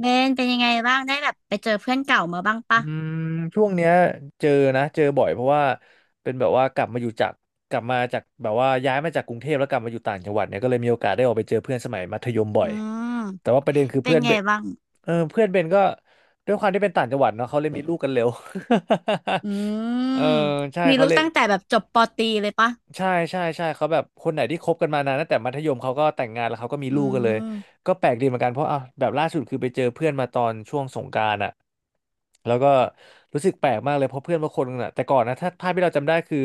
เบนเป็นยังไงบ้างได้แบบไปเจอเพื่อนเก่ามาบ้างอืปะมช่วงเนี้ยเจอนะเจอบ่อยเพราะว่าเป็นแบบว่ากลับมาจากแบบว่าย้ายมาจากกรุงเทพแล้วกลับมาอยู่ต่างจังหวัดเนี่ยก็เลยมีโอกาสได้ออกไปเจอเพื่อนสมัยมัธยมบ่ออืยมแต่ว่าประเด็นคือเป็นเพื่อนเบไงนบ้างเออเพื่อนเบนก็ด้วยความที่เป็นต่างจังหวัดเนาะเขาเลยมีลูกกันเร็ว อืม เออใช่มีเขาลูกเลย ตั้งแต่แบบจบปอตรีเลยปะใช่ใช่ใช่เขาแบบคนไหนที่คบกันมานานตั้งแต่มัธยมเขาก็แต่งงานแล้วเขาก็มีอืลูกกันเลยมก็แปลกดีเหมือนกันเพราะอ่ะแบบล่าสุดคือไปเจอเพื่อนมาตอนช่วงสงกรานต์อ่ะแล้วก็รู้สึกแปลกมากเลยเพราะเพื่อนบางคนน่ะแต่ก่อนนะถ้าภาพที่เราจำได้คือ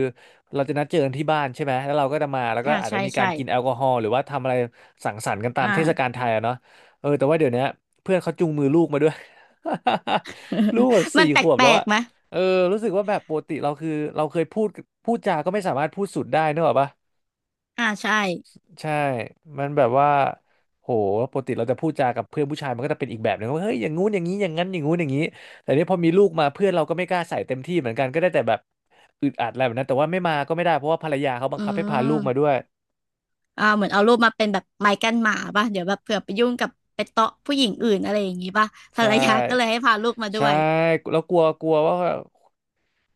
เราจะนัดเจอกันที่บ้านใช่ไหมแล้วเราก็จะมาแล้วก็อ่าอาจจะใช่มีการใช่กินแอลกอฮอล์หรือว่าทำอะไรสังสรรค์กันตามอ่า เทศกาลไทยอะเนาะเออแต่ว่าเดี๋ยวเนี้ยเพื่อนเขาจูงมือลูกมาด้วย ลูกแบบ มัสี่นแปขวบแล้ลวกอะ ๆไหมเออรู้สึกว่าแบบปกติเราคือเราเคยพูดจาก็ไม่สามารถพูดสุดได้นึกออกปะอ่าใช่ใช่มันแบบว่าโหปกติเราจะพูดจากับเพื่อนผู้ชายมันก็จะเป็นอีกแบบหนึงว่าเฮ้ยอย่างงู้นอย่างนี้อย่างนั้นอย่างงู้นอย่างนี้แต่เนี่ยพอมีลูกมาเพื่อนเราก็ไม่กล้าใส่เต็มที่เหมือนกันก็ได้แต่แบบอึดอัดอะไรแบบนั้นแต่ว่าไม่มาก็ไม่ได้เพราะว่าภรรยาเขาบังอืคับให้พาลูกมาด้มวยอ่าเหมือนเอารูปมาเป็นแบบไม้กั้นหมาปะเดี๋ยวแบบเผื่อไปยุ่งกับไปเตาะผู้หญิงอื่นอะไรอย่างงี้ปะภรใช่รยาก็เลยให้พาลูกมาด้ใช่วยแล้วกลัวกลัวว่า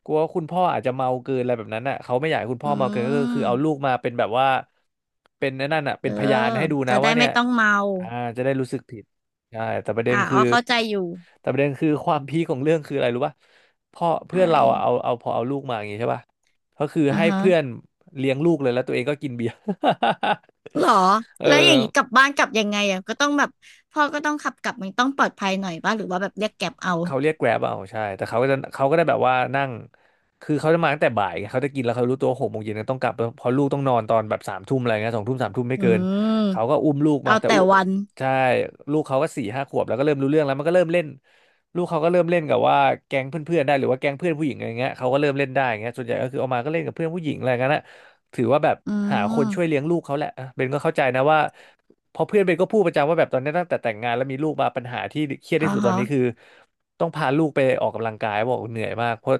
กลัวว่าคุณพ่ออาจจะเมาเกินอะไรแบบนั้นอ่ะเขาไม่อยากให้คุณพ่อือเมาเกินก็คือเอาลูกมมาเป็นแบบว่าเป็นไอ้นั่นน่ะเป็เอนอพยานให้ดูนะจะได้ว่าเนี่ไม่ยต้องเมาอ่าจะได้รู้สึกผิดใช่อ่าอ๋อเข้าใจอยู่แต่ประเด็นคือความพีคของเรื่องคืออะไรรู้ป่ะพ่อเพื่อะอนไรเราอะเอาเอาพอเอาลูกมาอย่างงี้ใช่ป่ะก็คืออ่าให้ฮะ เพื่อนเลี้ยงลูกเลยแล้วตัวเองก็กินเบียร์ หรอ เอแล้วอย่างนี้กลัอ บบ้านกลับยังไงอ่ะก็ต้องแบบพ่อก็ต้องขับกลับมันต้องปลอดภัยหน่อยป่ะหรือว่าแบบเรียกแกร็บเอาเขาเรียกแกร็บเอาใช่แต่เขาก็ได้แบบว่านั่งคือเขาจะมาตั้งแต่บ่ายไงเขาจะกินแล้วเขารู้ตัว6 โมงเย็นต้องกลับเพราะลูกต้องนอนตอนแบบสามทุ่มอะไรเงี้ย2 ทุ่มสามทุ่มไม่อืเกินมเขาก็อุ้มลูกมาเอาแต่แต่อุ้มวันใช่ลูกเขาก็4-5 ขวบแล้วก็เริ่มรู้เรื่องแล้วมันก็เริ่มเล่นลูกเขาก็เริ่มเล่นกับว่าแก๊งเพื่อนๆได้หรือว่าแก๊งเพื่อนผู้หญิงอะไรเงี้ยเขาก็เริ่มเล่นได้อย่างเงี้ยส่วนใหญ่ก็คือเอามาก็เล่นกับเพื่อนผู้หญิงอะไรเงี้ยนะถือว่าแบบอืหาคนช่วยมเลี้ยงลูกเขาแหละอ่ะเบนก็เข้าใจนะว่า เพราะเพื่อนเบนก็พูดประจำว่าแบบตอนนี้ตั้งแต่แต่งงานแล้วมีลูกมาปัญหาที่เครียดอ่าที่สุดตอฮะนนี้คือต้องพาลูกไปออกกำลังกายบอกเหนื่อยมากเพราะ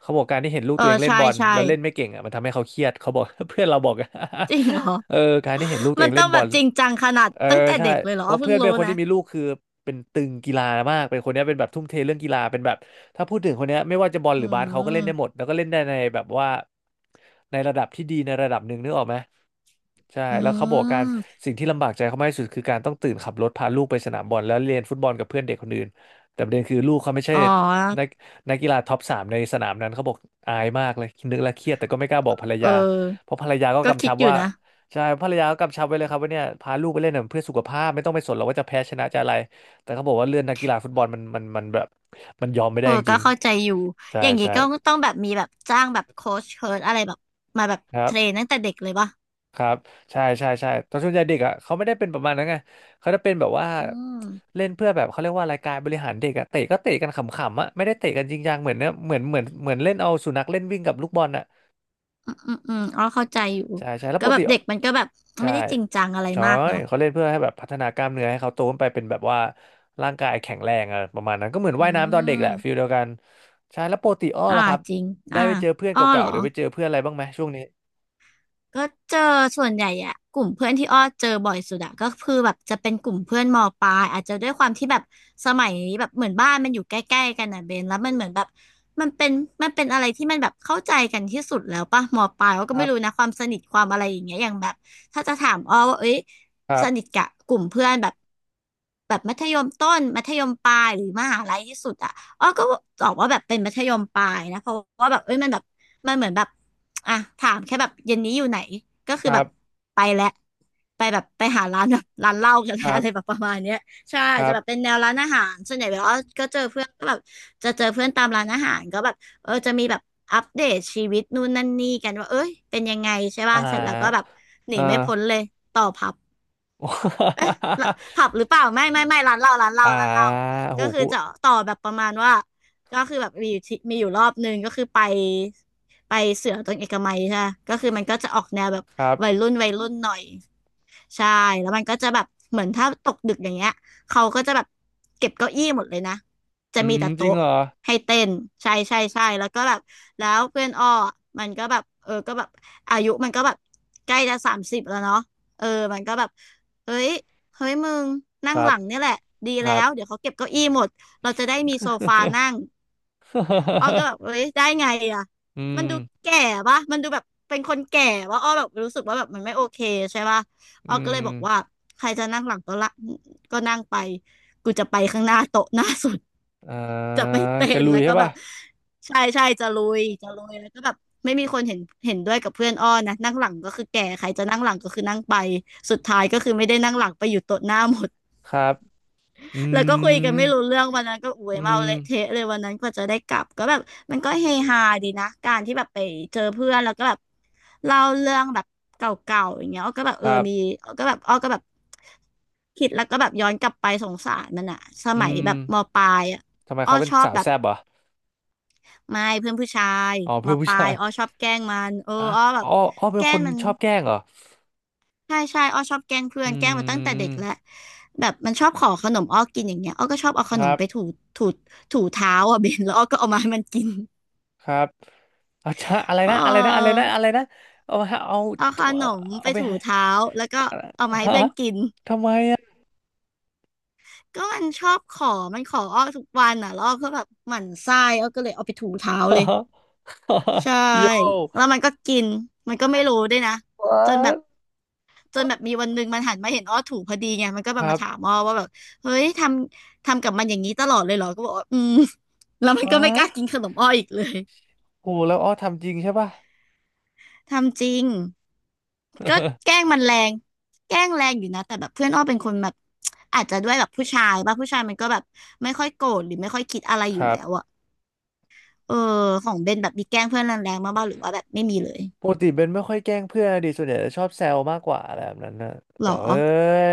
เขาบอกการที่เห็นลูกเอตัอวเองเล่นใช่บอลใช่แล้วเล่นไม่เก่งอ่ะมันทำให้เขาเครียดเขาบอก เพื่อนเราบอก จริงเหรอ เออการที่เห็นลูกตั วมัเอนงต้เล่อนงบแบอบล จริงจังขนาดเออตั้งแต่ใช่เด็กเลยเหรเพอราะเพิ่เพื่งอนเป็นรู้คนนะที่มีลูกคือเป็นตึงกีฬามากเป็นคนเนี้ยเป็นแบบทุ่มเทเรื่องกีฬาเป็นแบบถ้าพูดถึงคนเนี้ยไม่ว่าจะบอลหอืรือบาสเขาก็เล่นได้หมดมแล้วก็เล่นได้ในแบบว่าในระดับที่ดีในระดับหนึ่งนึกออกไหมใช่อืแล้วเขาบอกการมสิ่งที่ลำบากใจเขามากที่สุดคือการต้องตื่นขับรถพาลูกไปสนามบอลแล้วเรียนฟุตบอลกับเพื่อนเด็กคนอื่นแต่ประเด็นคือลูกเขาไม่ใช่อ๋อนักนักกีฬาท็อป 3ในสนามนั้นเขาบอกอายมากเลยนึกแล้วเครียดแต่ก็ไม่กล้าบอกภรรเอยาเพอราะภรรยาก็ก็กำคิชัดบอยู่ว่า นะใช่ภรรยาก็กำชับไว้เลยครับว่าเนี่ยพาลูกไปเล่นน่ะเพื่อสุขภาพไม่ต้องไปสนหรอกว่าจะแพ้ชนะจะอะไรแต่เขาบอกว่าเรื่องนักกีฬาฟุตบอลมันแบบมันยอมไม่เอได้อจก็ริงเข้าใจอยู่ ๆใช่อย่างนี้ใช่ก็ต้องแบบมีแบบจ้างแบบโค้ชเชิร์อะไรแบบมาแบบครัเทบรนตั้งแต่เด็กเลยป่ะครับใช่ใช่ใช่ตอนส่วนใหญ่เด็กอ่ะเขาไม่ได้เป็นประมาณนั้นไงเขาจะเป็นแบบว่าอืม เล่นเพื่อแบบเขาเรียกว่าอะไรายการบริหารเด็กอ่ะเตะก็เตะกันขำๆอ่ะไม่ได้เตะกันจริงจังเหมือนเนี่ยเหมือนเล่นเอาสุนัขเล่นวิ่งกับลูกบอลอ่ะ อืมอืมอ๋อเข้าใจอยู่ใช่ใช่แล้วก็ปกแบบติเด็กมันก็แบบใช่ไม่ได้จริงจังอะไรใช่มากเนาะเขาเล่นเพื่อให้แบบพัฒนากล้ามเนื้อให้เขาโตขึ้นไปเป็นแบบว่าร่างกายแข็งแรงอะประมาณนั้นก็เหมือนอืว่ายน้ำตอนเด็กแหละฟิลมเดียวกันใช่แล้วปกติอ้ออ่าล่ะครับจริงได้อ่าไปเจอเพื่อนอ้อเก่าเหรๆอ หรือไปเจอเพื่อนอะไรบ้างไหมช่วงนี้ก็เจอส่วนใหญ่อะกลุ่มเพื่อนที่อ้อเจอบ่อยสุดอะก็คือแบบจะเป็นกลุ่มเพื่อนมปลายอาจจะด้วยความที่แบบสมัยแบบเหมือนบ้านมันอยู่ใกล้ๆกันอะเบนแล้วมันเหมือนแบบมันเป็นมันเป็นอะไรที่มันแบบเข้าใจกันที่สุดแล้วป่ะมปลายอ้อคก็รัไม่รู้บนะความสนิทความอะไรอย่างเงี้ยอย่างแบบถ้าจะถามอ้อว่าเอ้ยครัสนิทบกับกลุ่มเพื่อนแบบแบบมัธยมต้นมัธยมปลายหรือมหาลัยที่สุดอะอ้อก็บอกว่าแบบเป็นมัธยมปลายนะเพราะว่าแบบเอ้ยมันแบบมันเหมือนแบบ อ่ะถามแค่แบบเย็นนี้อยู่ไหนก็คืคอแบรับบไปแล้วไปแบบไปหาร้าน แบบร้านเหล้ากันคแล้ว รัอะไรแบบบประมาณเนี้ยใช่ครัจะบแบบเป็นแนวร้านอาหารส่วนใหญ่แบบว่าก็เจอเพื่อนก็แบบจะเจอเพื่อนตามร้านอาหารก็แบบเออจะมีแบบอัปเดตชีวิตนู่นนั่นนี่กันว่าเอ้ยเป็นยังไงใช่อ่ป่ะเสร็จแล้วก็แบบาหนีเอ่า ไม่พ้นเลยต่อผับ เอ๊ะละผับหรือเปล่าไม่ไม่ไม่ร้านเหล้าร้านเห ล้าอ่าร้านเหล้าโหก็คือพูดจะต่อแบบประมาณว่าก็คือแบบมีอยู่ที่มีอยู่รอบหนึ่งก็คือไปเสือตรงเอกมัยใช่ปะก็คือมันก็จะออกแนวแบบครัวัยบรุ่นวัยรุ่นหน่อยใช่แล้วมันก็จะแบบเหมือนถ้าตกดึกอย่างเงี้ยเขาก็จะแบบเก็บเก้าอี้หมดเลยนะจะอืมีมแต่จริงโต๊ะเหรอให้เต้นใช่ใช่ใช่แล้วก็แบบแล้วเพื่อนอ้อมันก็แบบเออก็แบบอายุมันก็แบบใกล้จะ30แล้วเนาะเออมันก็แบบเฮ้ย เฮ้ยมึงคนั่งรัหบลังเนี่ยแหละดีคแล้รับ วเดี๋ยวเขาเก็บเก้าอี้หมดเราจะได้มีโซฟานั่งอ้อก็แบบเฮ้ยได้ไงอ่ะ อืมันมดูแก่ปะมันดูแบบเป็นคนแก่ว่าอ้อแบบรู้สึกว่าแบบมันไม่โอเคใช่ปะอ้ออืก็เลยบอกว่ามใครจะนั่งหลังก็ละก็นั่งไปกูจะไปข้างหน้าโต๊ะหน้าสุด อ จะ่าไม่เป็จะนลุแล้ยวก็ใช่แบป่ะ บใช่ใช่จะลุยจะลุยแล้วก็แบบไม่มีคนเห็นเห็นด้วยกับเพื่อนอ้อนะนั่งหลังก็คือแก่ใครจะนั่งหลังก็คือนั่งไปสุดท้ายก็คือไม่ได้นั่งหลังไปอยู่โต๊ะหน้าหมด ครับอืแล้วก็คุยกันมไม่รู้เรื่องวันนั้นก็อวยอืเมามเละเทะเลยวันนั้นกว่าจะได้กลับก็แบบมันก็เฮฮาดีนะการที่แบบไปเจอเพื่อนแล้วก็แบบเล่าเรื่องแบบเก่าๆอย่างเงี้ยอ้อก็แบบคเออรัมีบอ้อก็แบบอ้อก็แบบคิดแล้วก็แบบย้อนกลับไปสงสารมันอะสอืมัยแบมบมปลายอะทำไมอ้อเขาเป็นชอบสาวแบบแซ่บเหรอไม่เพื่อนผู้ชายอ๋อมเพื่อนผู้ปลาชายยอ้อชอบแกล้งมันเอออ่ะอ้อแบอ๋อบอ๋อเป็แกนล้คงนมัน ชอบแกล้งเหรอใช่ใช่อ้อชอบแกล้งเพื่ออืนแกล้งมาตั้งแต่เด็กแล้วมแบบมันชอบขอขนมอ้อกินอย่างเงี้ยอ้อก็ชอบเอาคขนรัมบไปถูถูเท้าอ่ะ เบนแล้วอ้อก็เอามาให้มันกินครับเอาชะอะไรเนะ อะไรนะอะไรออนะอะไรนะเอาฮะเอาเอาขนเอามไปเอาไปถูให้เท้าแล้วก็เอามาให้ฮะเพื่อนกินทำไมอ่ะ ก็มันชอบขอมันขออ้อทุกวันอ่ะแล้วอ้อก็แบบหมั่นไส้อ้อก็เลยเอาไปถูเท้าเลย ใช่โย่ แล้วมันก็กินมันก็ไม่รู้ด้วยนะจนแบบ what จนแบ what บมีวันหนึ่งมันหันมาเห็นอ้อถูกพอดีไงมันก็คแบบรัมาบ ถามอ้อว่าแบบเฮ้ยทำกับมันอย่างนี้ตลอดเลยเหรอก็บอกว่าอืม แล้วมันก็ไม่กล้า what กินขนมอ้ออีกเลยโหแล้วอ้อทำจริงใช่ป่ะ ทำจริงก็แกล้ งมันแรงแกล้งแรงอยู่นะแต่แบบเพื่อนอ้อเป็นคนแบบอาจจะด้วยแบบผู้ชายป่ะผู้ชายมันก็แบบไม่ค่อยโกรธหรือไม่ค่อยคิดอะไรอคยู่รัแล้บ วอะเออของเบนแบบมีแกล้งเพื่อนแรงๆมากบ้างหรือว่าแบบไม่มีเลยปกติเบนไม่ค่อยแกล้งเพื่อนดิส่วนใหญ่จะชอบแซวมากกว่าอะไรแบบนั้นนะหรแบอ บเอ้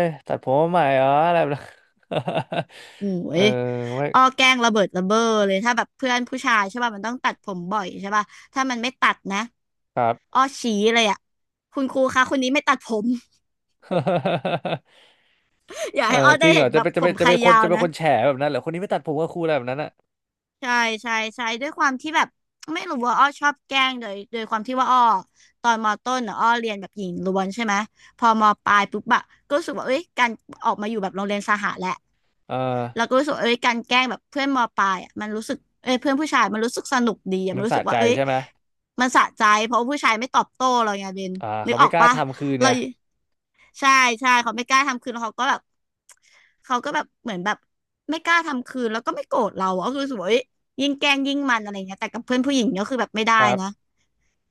ยตัดผมมาใหม่เหรออะไรแบบนั้น โอ้เออยไม่อ้อแกล้งระเบิดระเบ้อเลยถ้าแบบเพื่อนผู้ชายใช่ป่ะมันต้องตัดผมบ่อยใช่ป่ะถ้ามันไม่ตัดนะครับ อ้อชี้เลยอ่ะคุณครูคะคนนี้ไม่ตัดผม อยากเอให้ออ้อจได้ริงเหรเห็อนจะแบบเป็นจะผเป็มนจะใครเป็นคนยาวจะเป็นนะ คนแฉแบบนั้นเหรอคนนี้ไม่ตัดผมก็ครูอะไรแบบนั้นอ่ะใช่ใช่ใช่ด้วยความที่แบบไม่รู้ว่าอ้อชอบแกล้งโดยความที่ว่าอ้อตอนมอต้นน่ะอ้อเรียนแบบหญิงล้วนใช่ไหม พอมอปลายปุ๊บอะก็รู้สึกว่าเอ้ยการออกมาอยู่แบบโรงเรียนสหะแหละ เออเราก็รู้สึกว่าเอ้ยการแกล้งแบบเพื่อนมปลายอ่ะมันรู้สึกเอ้ยเพื่อนผู้ชายมันรู้สึกสนุกดีอะมัมันนรู้สะสึกใจว่าเอ้ยใช่ไหมมันสะใจเพราะว่าผู้ชายไม่ตอบโต้เราไงเบนอ่านึเขากอไม่อกกล้าปะทำคืนเราเนี่ยใช่ใช่เขาไม่กล้าทำคืนแล้วเขาก็แบบเหมือนแบบไม่กล้าทำคืนแล้วก็ไม่โกรธเราอะก็คือรู้สึกว่าเอ้ยยิ่งแกล้งยิ่งมันอะไรเงี้ยแต่กับเพื่อนผู้หญิงก็คือแบบไม่ได้ครับนะ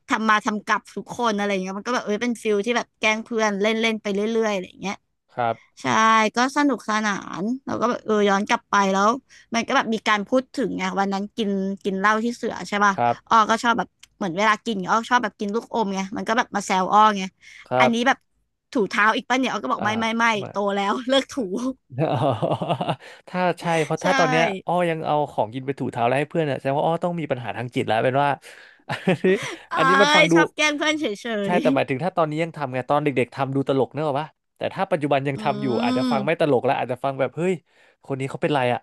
ทำมาทำกลับทุกคนอะไรเงี้ยมันก็แบบเอ้ยเป็นฟิลที่แบบแกล้งเพื่อนเล่นเล่นไปเรื่อยๆอะไรเงี้ย ครับใช่ก็สนุกสนานเราก็แบบเออย้อนกลับไปแล้วมันก็แบบมีการพูดถึงไงวันนั้นกินกินเหล้าที่เสือใช่ป่ะครับอ้อก็ชอบแบบเหมือนเวลากินอ้อชอบแบบกินลูกอมไงมันก็แบบมาแซวอ้อไงครัอันนี้แบบบถูเท้าอีกป่ะเนี่ยอ้อก็บอกอ่ไม่า โตแล้ว เลิกถู อ๋อถ้าใช่เพ ราะถ้าใช่ตอนเนี้ยอ้อยังเอาของกินไปถูเท้าแล้วให้เพื่อนอ่ะแสดงว่าอ้อต้องมีปัญหาทางจิตแล้วเป็นว่า อันนี้เอ้อันนี้มันฟัยงดูชอบแกล้งเพื่อนเฉใช่ยแต่หมายถึงถ้าตอนนี้ยังทำไงตอนเด็กๆทำดูตลกเนกอะปะแต่ถ้าปัจจุบันยัๆงอืทำอยู่อาจจะมฟังไม่ตลกแล้วอาจจะฟังแบบเฮ้ยคนนี้เขาเป็นไรอ่ะ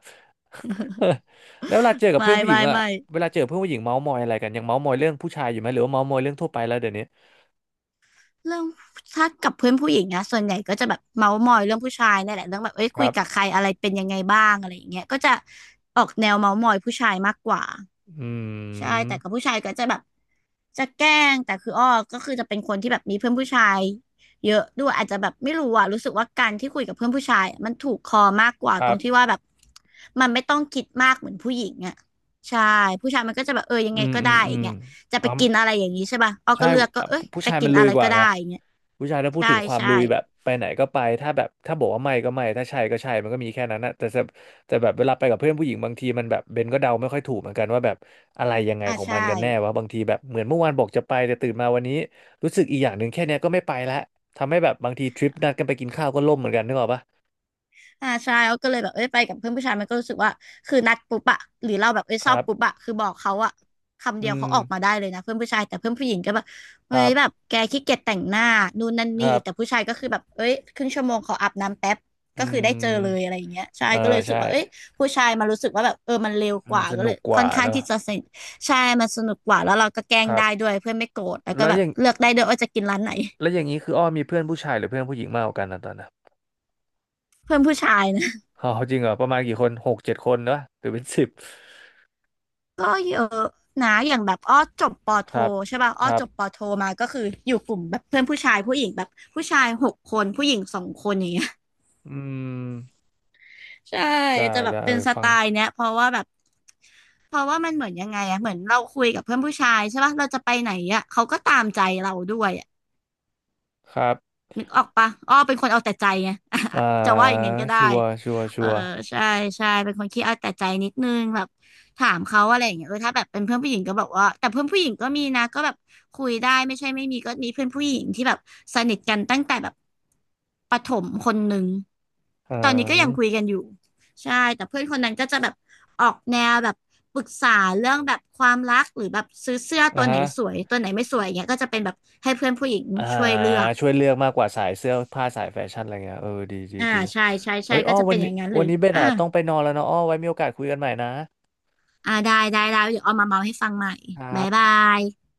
แล้วเวลาเจอกับไม่เพื่อนผู้หญิไม่งอ่ะไม่ เวลาเจอเพื่อนผู้หญิงเมาส์มอยอะไรกันยังเมาส์มอยเรื่องผู้ชายอยู่ไหมหรือว่าเมาส์มอยเรื่องทั่วไปแล้วเดี๋ยวนี้เรื่องถ้ากับเพื่อนผู้หญิงนะส่วนใหญ่ก็จะแบบเมาท์มอยเรื่องผู้ชายนี่แหละเรื่องแบบเอ้ยคคุรัยกับบใครอะไรเป็นยังไงบ้างอะไรอย่างเงี้ยก็จะออกแนวเมาท์มอยผู้ชายมากกว่าอืใช่มแต่กับผู้ชายก็จะแบบจะแกล้งแต่คืออ้อก็คือจะเป็นคนที่แบบมีเพื่อนผู้ชายเยอะด้วยอาจจะแบบไม่รู้อ่ะรู้สึกว่าการที่คุยกับเพื่อนผู้ชายอะมันถูกคอมากกว่าคตรรังบที่ว่าแบบมันไม่ต้องคิดมากเหมือนผู้หญิงอ่ะใช่ผู้ชายมันก็จะแบบเออยังอืไงมก็อืได้มอือย่ามงเงี้ยจะอ๋ไปอ กินอะไรอย่างนี้ใช่ป่ะอ้อใช่ก็เลือกก็อ่ะเอ้ยผู้จะชายกิมันนลุอะยไรกว่าก็ได้ไงอย่างเงี้ย ผู้ชายถ้าพูดใช่ถึงความใช่ลุยแบบไปไหนก็ไปถ้าแบบถ้าบอกว่าไม่ก็ไม่ถ้าใช่ก็ใช่มันก็มีแค่นั้นนะแต่แบบเวลาไปกับเพื่อนผู้หญิงบางทีมันแบบเบนก็เดาไม่ค่อยถูกเหมือนกันว่าแบบอะไรยังไงอ่าของมัใช่นกันแน่วะบางทีแบบเหมือนเมื่อวานบอกจะไปแต่ตื่นมาวันนี้รู้สึกอีกอย่างหนึ่งแค่เนี้ยก็ไม่ไปละทำให้แบบบางทีทริปนัดกันไปกินข้าวก็ล่มเหมือนกันนึกออกปะอ่าใช่เราก็เลยแบบเอ้ยไปกับเพื่อนผู้ชายมันก็รู้สึกว่าคือนัดปุ๊บอะหรือเราแบบเอ้ยคชอรับปุ๊บบอะคือบอกเขาอะคำอืเดียวมเขาออกมาได้เลยนะเพื่อนผู้ชายแต่เพื่อนผู้หญิงก็แบบคเฮ้รัยแบบบแกขี้เกียจแต่งหน้านู่นนั่นคนี่รัอีกแต่บผู้ชายก็คือแบบเอ้ยครึ่งชั่วโมงขออาบน้ำแป๊บอืก็คือได้เจอเลยอะมไรอย่างเงี้ยใช่เอก็เลอยรู้สึกใช่ว่าเอ้ยผู้ชายมารู้สึกว่าแบบเออมันเร็วอืกมว่าสก็นุเลยกกค่ว่าอนข้าเนงอะที่จะสนิทใช่มันสนุกกว่าแล้วเราก็แกล้คงรับได้ด้วยเพื่อนไม่โกรธแล้วก็แล้วแบอบย่าง เลือกได้ด้วยว่าจะกินร้านไหนแล้วอย่างนี้คืออ้อมีเพื่อนผู้ชายหรือเพื่อนผู้หญิงมากกว่ากันนะตอนนั้นเพื่อนผู้ชาย อ๋อจริงเหรอประมาณกี่คนหกเจ็ดคนเนอะหรือเป็นสิบก็เยอะนะอย่างแบบอ้อจบปอโทครับใช่ป่ะอ้คอรับจบปอโทมาก็คืออยู่กลุ่มแบบเพื่อนผู้ชายผู้หญิงแบบผู้ชายหกคนผู้หญิงสองคนอย่างเงี้ย อืม ใช่ได้จะแบบได้เอเป็นอสฟัไตงล์เนี้ยเพราะว่าแบบเพราะว่ามันเหมือนยังไงอะเหมือนเราคุยกับเพื่อนผู้ชายใช่ป่ะเราจะไปไหนอะเขาก็ตามใจเราด้วยอะ ครับนึกออกปะอ้อเป็นคนเอาแต่ใจไง อ่า จะว่าอย่างนั้นก็ชัได้วร์ชัวร์ชัเออวร์ใช่ใช่เป็นคนขี้เอาแต่ใจนิดนึงแบบถามเขาอะไรอย่างเงี้ยเออถ้าแบบเป็นเพื่อนผู้หญิงก็บอกว่าแต่เพื่อนผู้หญิงก็มีนะก็แบบคุยได้ไม่ใช่ไม่มีก็มีเพื่อนผู้หญิงที่แบบสนิทกันตั้งแต่แบบประถมคนหนึ่งอืตอนนี้ก็ยังคุยมกันอยู่ใช่แต่เพื่อนคนนั้นก็จะแบบออกแนวแบบปรึกษาเรื่องแบบความรักหรือแบบซื้อเสื้ออ่าตัวไหนฮะสวยตัวไหนไม่สวยเงี้ยก็จะเป็นแบบให้เพื่อนผู้หญิงอ่าช่วยเลือก ช่วยเลือกมากกว่าสายเสื้อผ้าสายแฟชั่นอะไรเงี้ยเออดีดีอ่าดีใช่ใช่ใช่เฮ้ยอ้ก็อจะวัเป็นนอนี้ย่างนั้นหรืวัอนนี้เบนอ่าอ่ะต้องไปนอนแล้วเนาะอ้อไว้มีโอกาสคุยกันใหม่นะอ่าได้ได้ได้เดี๋ยวเอามาเมาให้ฟังใหม่ครับ๊ายบาบย